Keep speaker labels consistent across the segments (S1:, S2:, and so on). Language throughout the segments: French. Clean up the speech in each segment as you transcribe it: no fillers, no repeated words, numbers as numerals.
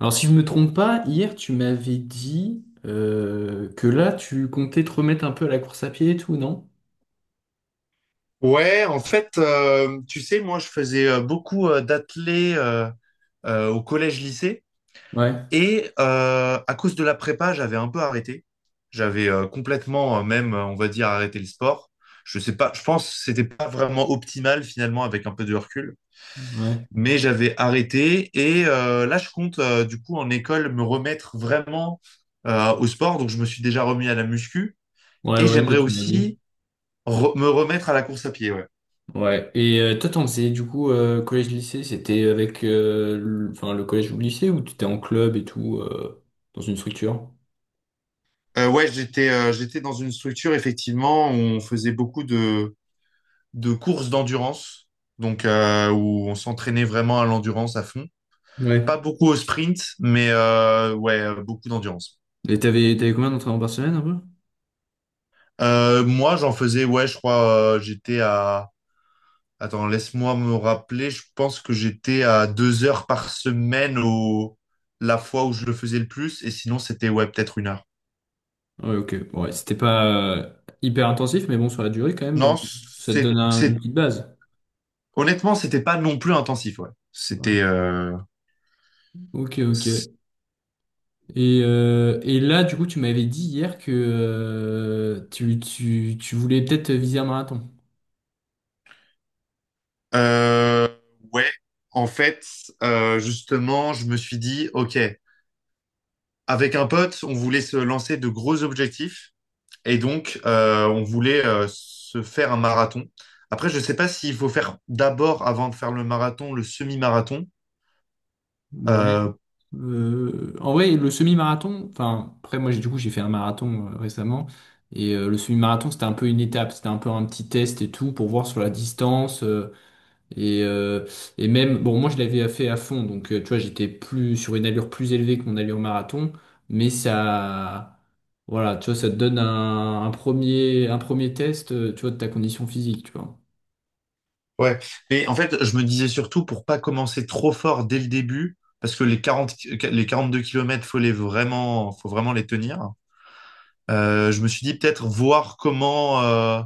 S1: Alors, si je me trompe pas, hier, tu m'avais dit que là, tu comptais te remettre un peu à la course à pied et tout, non?
S2: Ouais, en fait, tu sais, moi, je faisais beaucoup d'athlé au collège-lycée
S1: Ouais,
S2: et à cause de la prépa, j'avais un peu arrêté. J'avais complètement, même, on va dire, arrêté le sport. Je sais pas, je pense que c'était pas vraiment optimal finalement avec un peu de recul,
S1: ouais.
S2: mais j'avais arrêté et là, je compte du coup en école me remettre vraiment au sport. Donc, je me suis déjà remis à la muscu
S1: Ouais,
S2: et
S1: ouais, ça,
S2: j'aimerais
S1: tu m'as dit.
S2: aussi me remettre à la course à pied. Ouais.
S1: Ouais. Et toi, t'en faisais, du coup, collège-lycée, c'était avec le, enfin, le collège ou le lycée ou tu étais en club et tout, dans une structure?
S2: Ouais, j'étais dans une structure, effectivement, où on faisait beaucoup de courses d'endurance, donc où on s'entraînait vraiment à l'endurance à fond.
S1: Ouais.
S2: Pas beaucoup au sprint, mais ouais, beaucoup d'endurance.
S1: Et t'avais combien d'entraînements par semaine, un peu?
S2: Moi, j'en faisais, ouais, je crois, j'étais à... Attends, laisse-moi me rappeler, je pense que j'étais à 2 heures par semaine au... la fois où je le faisais le plus, et sinon, c'était, ouais, peut-être 1 heure.
S1: Ouais, ok. Ouais, c'était pas euh, hyper intensif, mais bon, sur la durée, quand même,
S2: Non,
S1: ça te donne
S2: c'est...
S1: une petite base.
S2: honnêtement, c'était pas non plus intensif, ouais.
S1: Ouais.
S2: C'était...
S1: Ok, ok. Et, là, du coup, tu m'avais dit hier que tu voulais peut-être viser un marathon.
S2: Euh, ouais, en fait, justement, je me suis dit, ok, avec un pote, on voulait se lancer de gros objectifs et donc on voulait se faire un marathon. Après, je sais pas s'il faut faire d'abord, avant de faire le marathon, le semi-marathon.
S1: Ouais.
S2: Euh,
S1: En vrai, le semi-marathon, enfin, après, moi, du coup, j'ai fait un marathon récemment. Et le semi-marathon, c'était un peu une étape, c'était un peu un petit test et tout pour voir sur la distance. Et, même, bon, moi je l'avais fait à fond, donc tu vois, j'étais plus sur une allure plus élevée que mon allure marathon, mais ça, voilà, tu vois, ça te donne un premier test, tu vois, de ta condition physique, tu vois.
S2: ouais, mais en fait, je me disais surtout pour pas commencer trop fort dès le début, parce que les 42 kilomètres, faut vraiment les tenir. Je me suis dit peut-être voir comment. euh,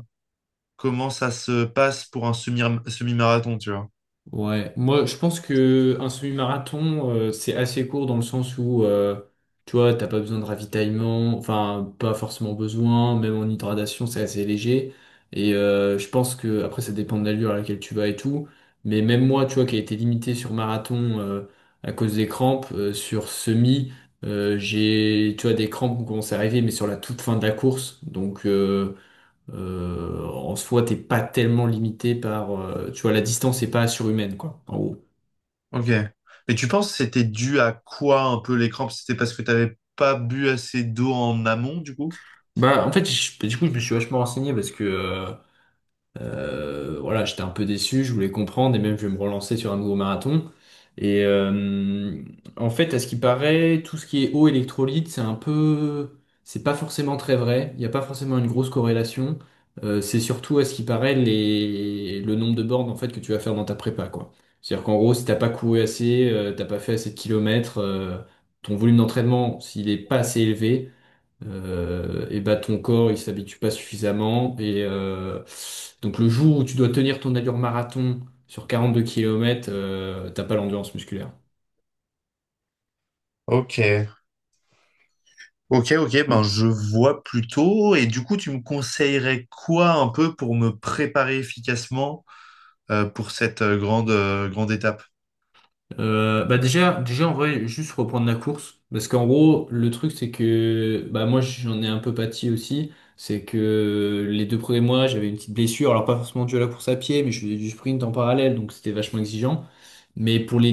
S2: comment Ça se passe pour un semi-marathon, tu vois.
S1: Ouais, moi je pense que un semi-marathon c'est assez court dans le sens où tu vois t'as pas besoin de ravitaillement, enfin pas forcément besoin, même en hydratation c'est assez léger et je pense que après ça dépend de l'allure à laquelle tu vas et tout, mais même moi tu vois qui a été limité sur marathon à cause des crampes sur semi j'ai tu vois des crampes ont commencé à arriver mais sur la toute fin de la course donc en soi, t'es pas tellement limité par, tu vois, la distance est pas surhumaine, quoi, en gros.
S2: Ok. Et tu penses que c'était dû à quoi un peu les crampes? C'était parce que t'avais pas bu assez d'eau en amont, du coup?
S1: Bah, en fait, du coup, je me suis vachement renseigné parce que, voilà, j'étais un peu déçu, je voulais comprendre et même je vais me relancer sur un nouveau marathon. Et en fait, à ce qui paraît, tout ce qui est eau électrolyte, c'est un peu, c'est pas forcément très vrai. Il n'y a pas forcément une grosse corrélation. C'est surtout à ce qui paraît les, le nombre de bornes en fait que tu vas faire dans ta prépa, quoi. C'est-à-dire qu'en gros, si t'as pas couru assez, t'as pas fait assez de kilomètres, ton volume d'entraînement, s'il est pas assez élevé, et bah ton corps il s'habitue pas suffisamment et donc le jour où tu dois tenir ton allure marathon sur 42 km t'as pas l'endurance musculaire.
S2: Ok. Ok, ok, ben je vois plutôt. Et du coup, tu me conseillerais quoi un peu pour me préparer efficacement pour cette grande étape?
S1: Bah déjà en vrai juste reprendre la course parce qu'en gros le truc c'est que bah moi j'en ai un peu pâti aussi c'est que les 2 premiers mois j'avais une petite blessure alors pas forcément due à la course à pied mais je faisais du sprint en parallèle donc c'était vachement exigeant. Mais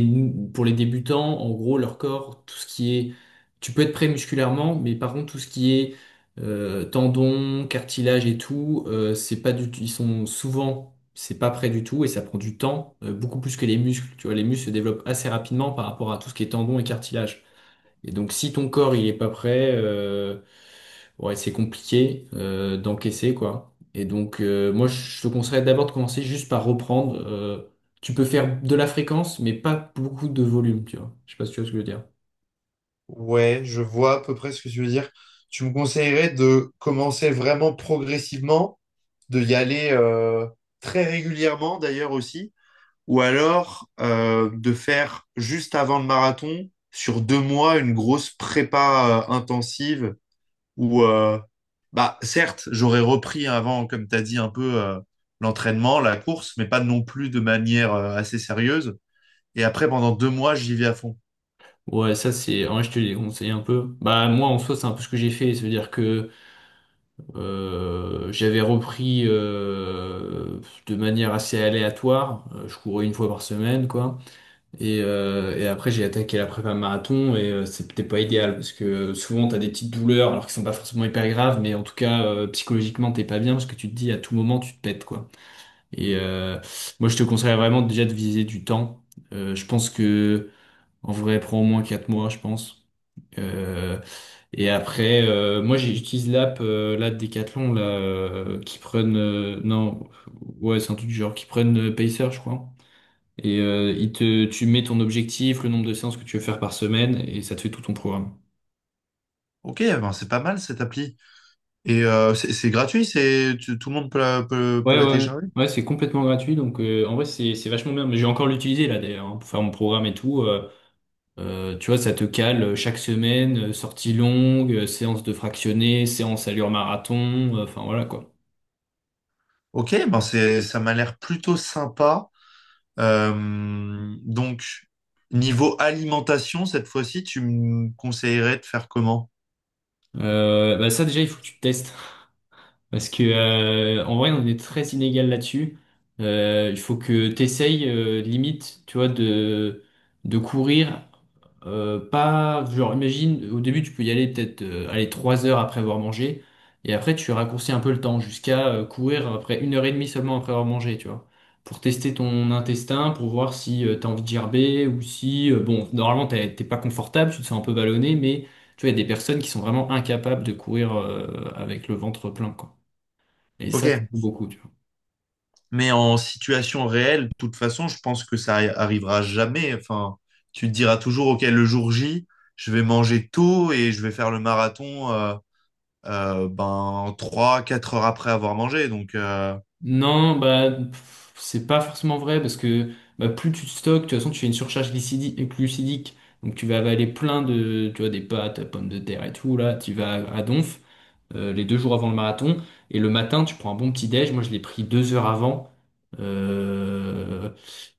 S1: pour les débutants, en gros, leur corps, tout ce qui est... Tu peux être prêt musculairement, mais par contre, tout ce qui est tendons, cartilage et tout, c'est pas du tout... Ils sont souvent... C'est pas prêt du tout et ça prend du temps, beaucoup plus que les muscles. Tu vois, les muscles se développent assez rapidement par rapport à tout ce qui est tendons et cartilage. Et donc, si ton corps il est pas prêt, ouais, c'est compliqué d'encaisser quoi. Et donc, moi, je te conseillerais d'abord de commencer juste par reprendre. Tu peux faire de la fréquence, mais pas beaucoup de volume, tu vois. Je sais pas si tu vois ce que je veux dire.
S2: Ouais, je vois à peu près ce que tu veux dire. Tu me conseillerais de commencer vraiment progressivement, de y aller très régulièrement d'ailleurs aussi, ou alors de faire juste avant le marathon, sur 2 mois, une grosse prépa intensive où, bah, certes, j'aurais repris avant, comme tu as dit, un peu l'entraînement, la course, mais pas non plus de manière assez sérieuse. Et après, pendant 2 mois, j'y vais à fond.
S1: Ouais, ça c'est. En vrai, je te l'ai conseillé un peu. Bah moi, en soi, c'est un peu ce que j'ai fait. Ça veut dire que j'avais repris de manière assez aléatoire. Je courais une fois par semaine, quoi. Et, après, j'ai attaqué la prépa marathon et c'est peut-être pas idéal parce que souvent t'as des petites douleurs alors qu'ils sont pas forcément hyper graves, mais en tout cas, psychologiquement, t'es pas bien parce que tu te dis à tout moment, tu te pètes quoi. Et moi, je te conseillerais vraiment déjà de viser du temps. Je pense que en vrai, prend au moins 4 mois, je pense. Euh, et après, moi, j'utilise l'app là de Decathlon là, qui prennent. Non, ouais, c'est un truc du genre qui prennent Pacer, je crois. Et il te, tu mets ton objectif, le nombre de séances que tu veux faire par semaine, et ça te fait tout ton programme.
S2: Ok, ben c'est pas mal cette appli. Et c'est gratuit, tout le monde peut la, peut,
S1: Ouais,
S2: peut la
S1: ouais, ouais,
S2: télécharger.
S1: ouais, c'est complètement gratuit, donc en vrai c'est vachement bien. Mais j'ai encore l'utilisé là d'ailleurs hein, pour faire mon programme et tout. Tu vois, ça te cale chaque semaine, sortie longue, séance de fractionné, séance allure marathon, enfin voilà quoi.
S2: Ok, ben c'est ça m'a l'air plutôt sympa. Donc niveau alimentation cette fois-ci, tu me conseillerais de faire comment?
S1: Bah ça déjà il faut que tu testes. Parce que en vrai, on est très inégal là-dessus. Il faut que t'essayes limite, tu vois, de courir. Pas, genre, imagine, au début, tu peux y aller peut-être aller 3 heures après avoir mangé, et après, tu raccourcis un peu le temps jusqu'à courir après 1 heure et demie seulement après avoir mangé, tu vois, pour tester ton intestin, pour voir si t'as envie de gerber ou si, bon, normalement, t'es pas confortable, tu te sens un peu ballonné, mais tu vois, il y a des personnes qui sont vraiment incapables de courir avec le ventre plein, quoi. Et
S2: Ok,
S1: ça, c'est pas beaucoup, tu vois.
S2: mais en situation réelle, de toute façon, je pense que ça arrivera jamais. Enfin, tu te diras toujours, ok, le jour J, je vais manger tôt et je vais faire le marathon ben trois quatre heures après avoir mangé. Donc
S1: Non, bah, pff, c'est pas forcément vrai parce que bah, plus tu stockes, de toute façon, tu fais une surcharge glucidique. Donc, tu vas avaler plein de, tu vois, des pâtes, pommes de terre et tout, là, tu vas à donf. Les 2 jours avant le marathon. Et le matin, tu prends un bon petit déj. Moi, je l'ai pris 2 heures avant. Euh,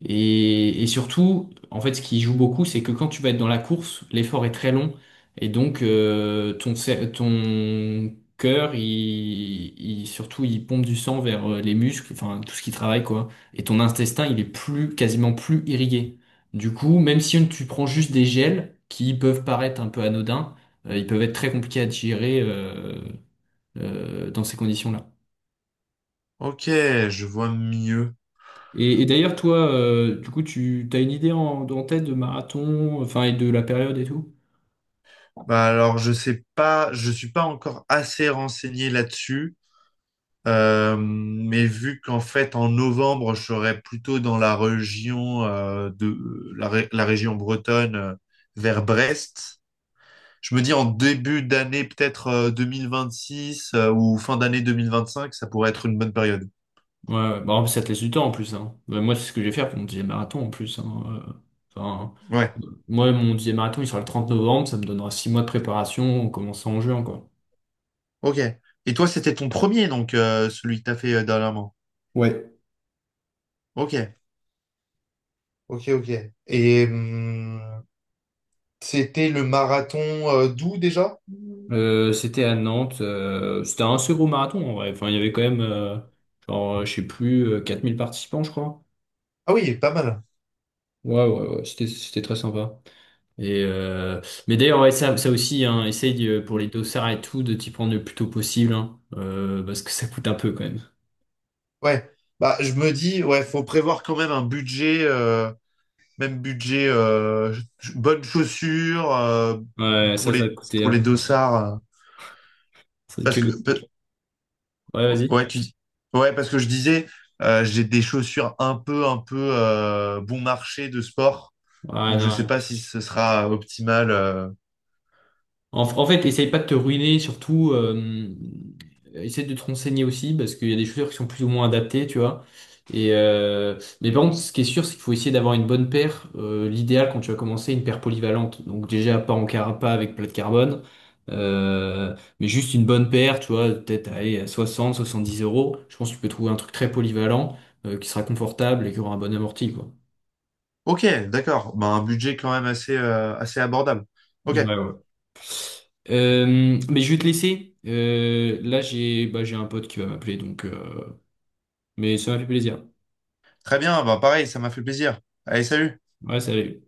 S1: et, surtout, en fait, ce qui joue beaucoup, c'est que quand tu vas être dans la course, l'effort est très long. Et donc, ton, cer- ton cœur, surtout, il pompe du sang vers les muscles, enfin, tout ce qui travaille, quoi. Et ton intestin, il est plus, quasiment plus irrigué. Du coup, même si tu prends juste des gels qui peuvent paraître un peu anodins, ils peuvent être très compliqués à digérer dans ces conditions-là.
S2: ok, je vois mieux.
S1: Et, d'ailleurs, toi, du coup, tu as une idée en tête de marathon, enfin, et de la période et tout?
S2: Bah alors, je sais pas, je suis pas encore assez renseigné là-dessus, mais vu qu'en fait en novembre, je serai plutôt dans la région de la région bretonne vers Brest. Je me dis en début d'année peut-être 2026 ou fin d'année 2025, ça pourrait être une bonne période.
S1: Ouais, ouais. Bon, ça te laisse du temps en plus, hein. Ouais, moi, c'est ce que je vais faire pour mon 10e marathon en plus, hein. Enfin,
S2: Ouais.
S1: moi, mon 10e marathon, il sera le 30 novembre, ça me donnera 6 mois de préparation en commençant en juin, quoi.
S2: Ok. Et toi, c'était ton premier donc celui que t'as fait dernièrement.
S1: Ouais.
S2: Ok. Ok, ok. Et c'était le marathon d'où déjà?
S1: C'était à Nantes, c'était un assez gros marathon en vrai. Enfin, il y avait quand même, genre, je sais plus, 4 000 participants, je crois.
S2: Ah oui, pas mal.
S1: Ouais, ouais, ouais, c'était très sympa. Et mais d'ailleurs, ouais, ça aussi, hein, essaye pour les dossards et tout de t'y prendre le plus tôt possible, hein, parce que ça coûte un peu quand même.
S2: Ouais. Bah, je me dis, ouais, faut prévoir quand même un budget, même budget, bonnes chaussures
S1: Ouais, ça va te coûter.
S2: pour les
S1: Hein.
S2: dossards.
S1: C'est
S2: Parce
S1: que...
S2: que,
S1: Ouais, vas-y.
S2: ouais, ouais, parce que je disais, j'ai des chaussures un peu bon marché de sport,
S1: Ouais,
S2: donc je sais
S1: non.
S2: pas si ce sera optimal.
S1: En fait, essaye pas de te ruiner, surtout, essaye de te renseigner aussi, parce qu'il y a des chaussures qui sont plus ou moins adaptées, tu vois. Et, mais par contre, ce qui est sûr, c'est qu'il faut essayer d'avoir une bonne paire. L'idéal, quand tu vas commencer, une paire polyvalente. Donc déjà, pas en carapa avec plat de carbone, mais juste une bonne paire, tu vois, peut-être allez, à 60, 70 euros. Je pense que tu peux trouver un truc très polyvalent, qui sera confortable et qui aura un bon amorti, quoi.
S2: Ok, d'accord. Bah, un budget quand même assez abordable. Ok,
S1: Ouais, ouais. Mais je vais te laisser. Là, j'ai bah, j'ai un pote qui va m'appeler, donc. Mais ça m'a fait plaisir.
S2: très bien. Bah, pareil, ça m'a fait plaisir. Allez, salut.
S1: Ouais, salut.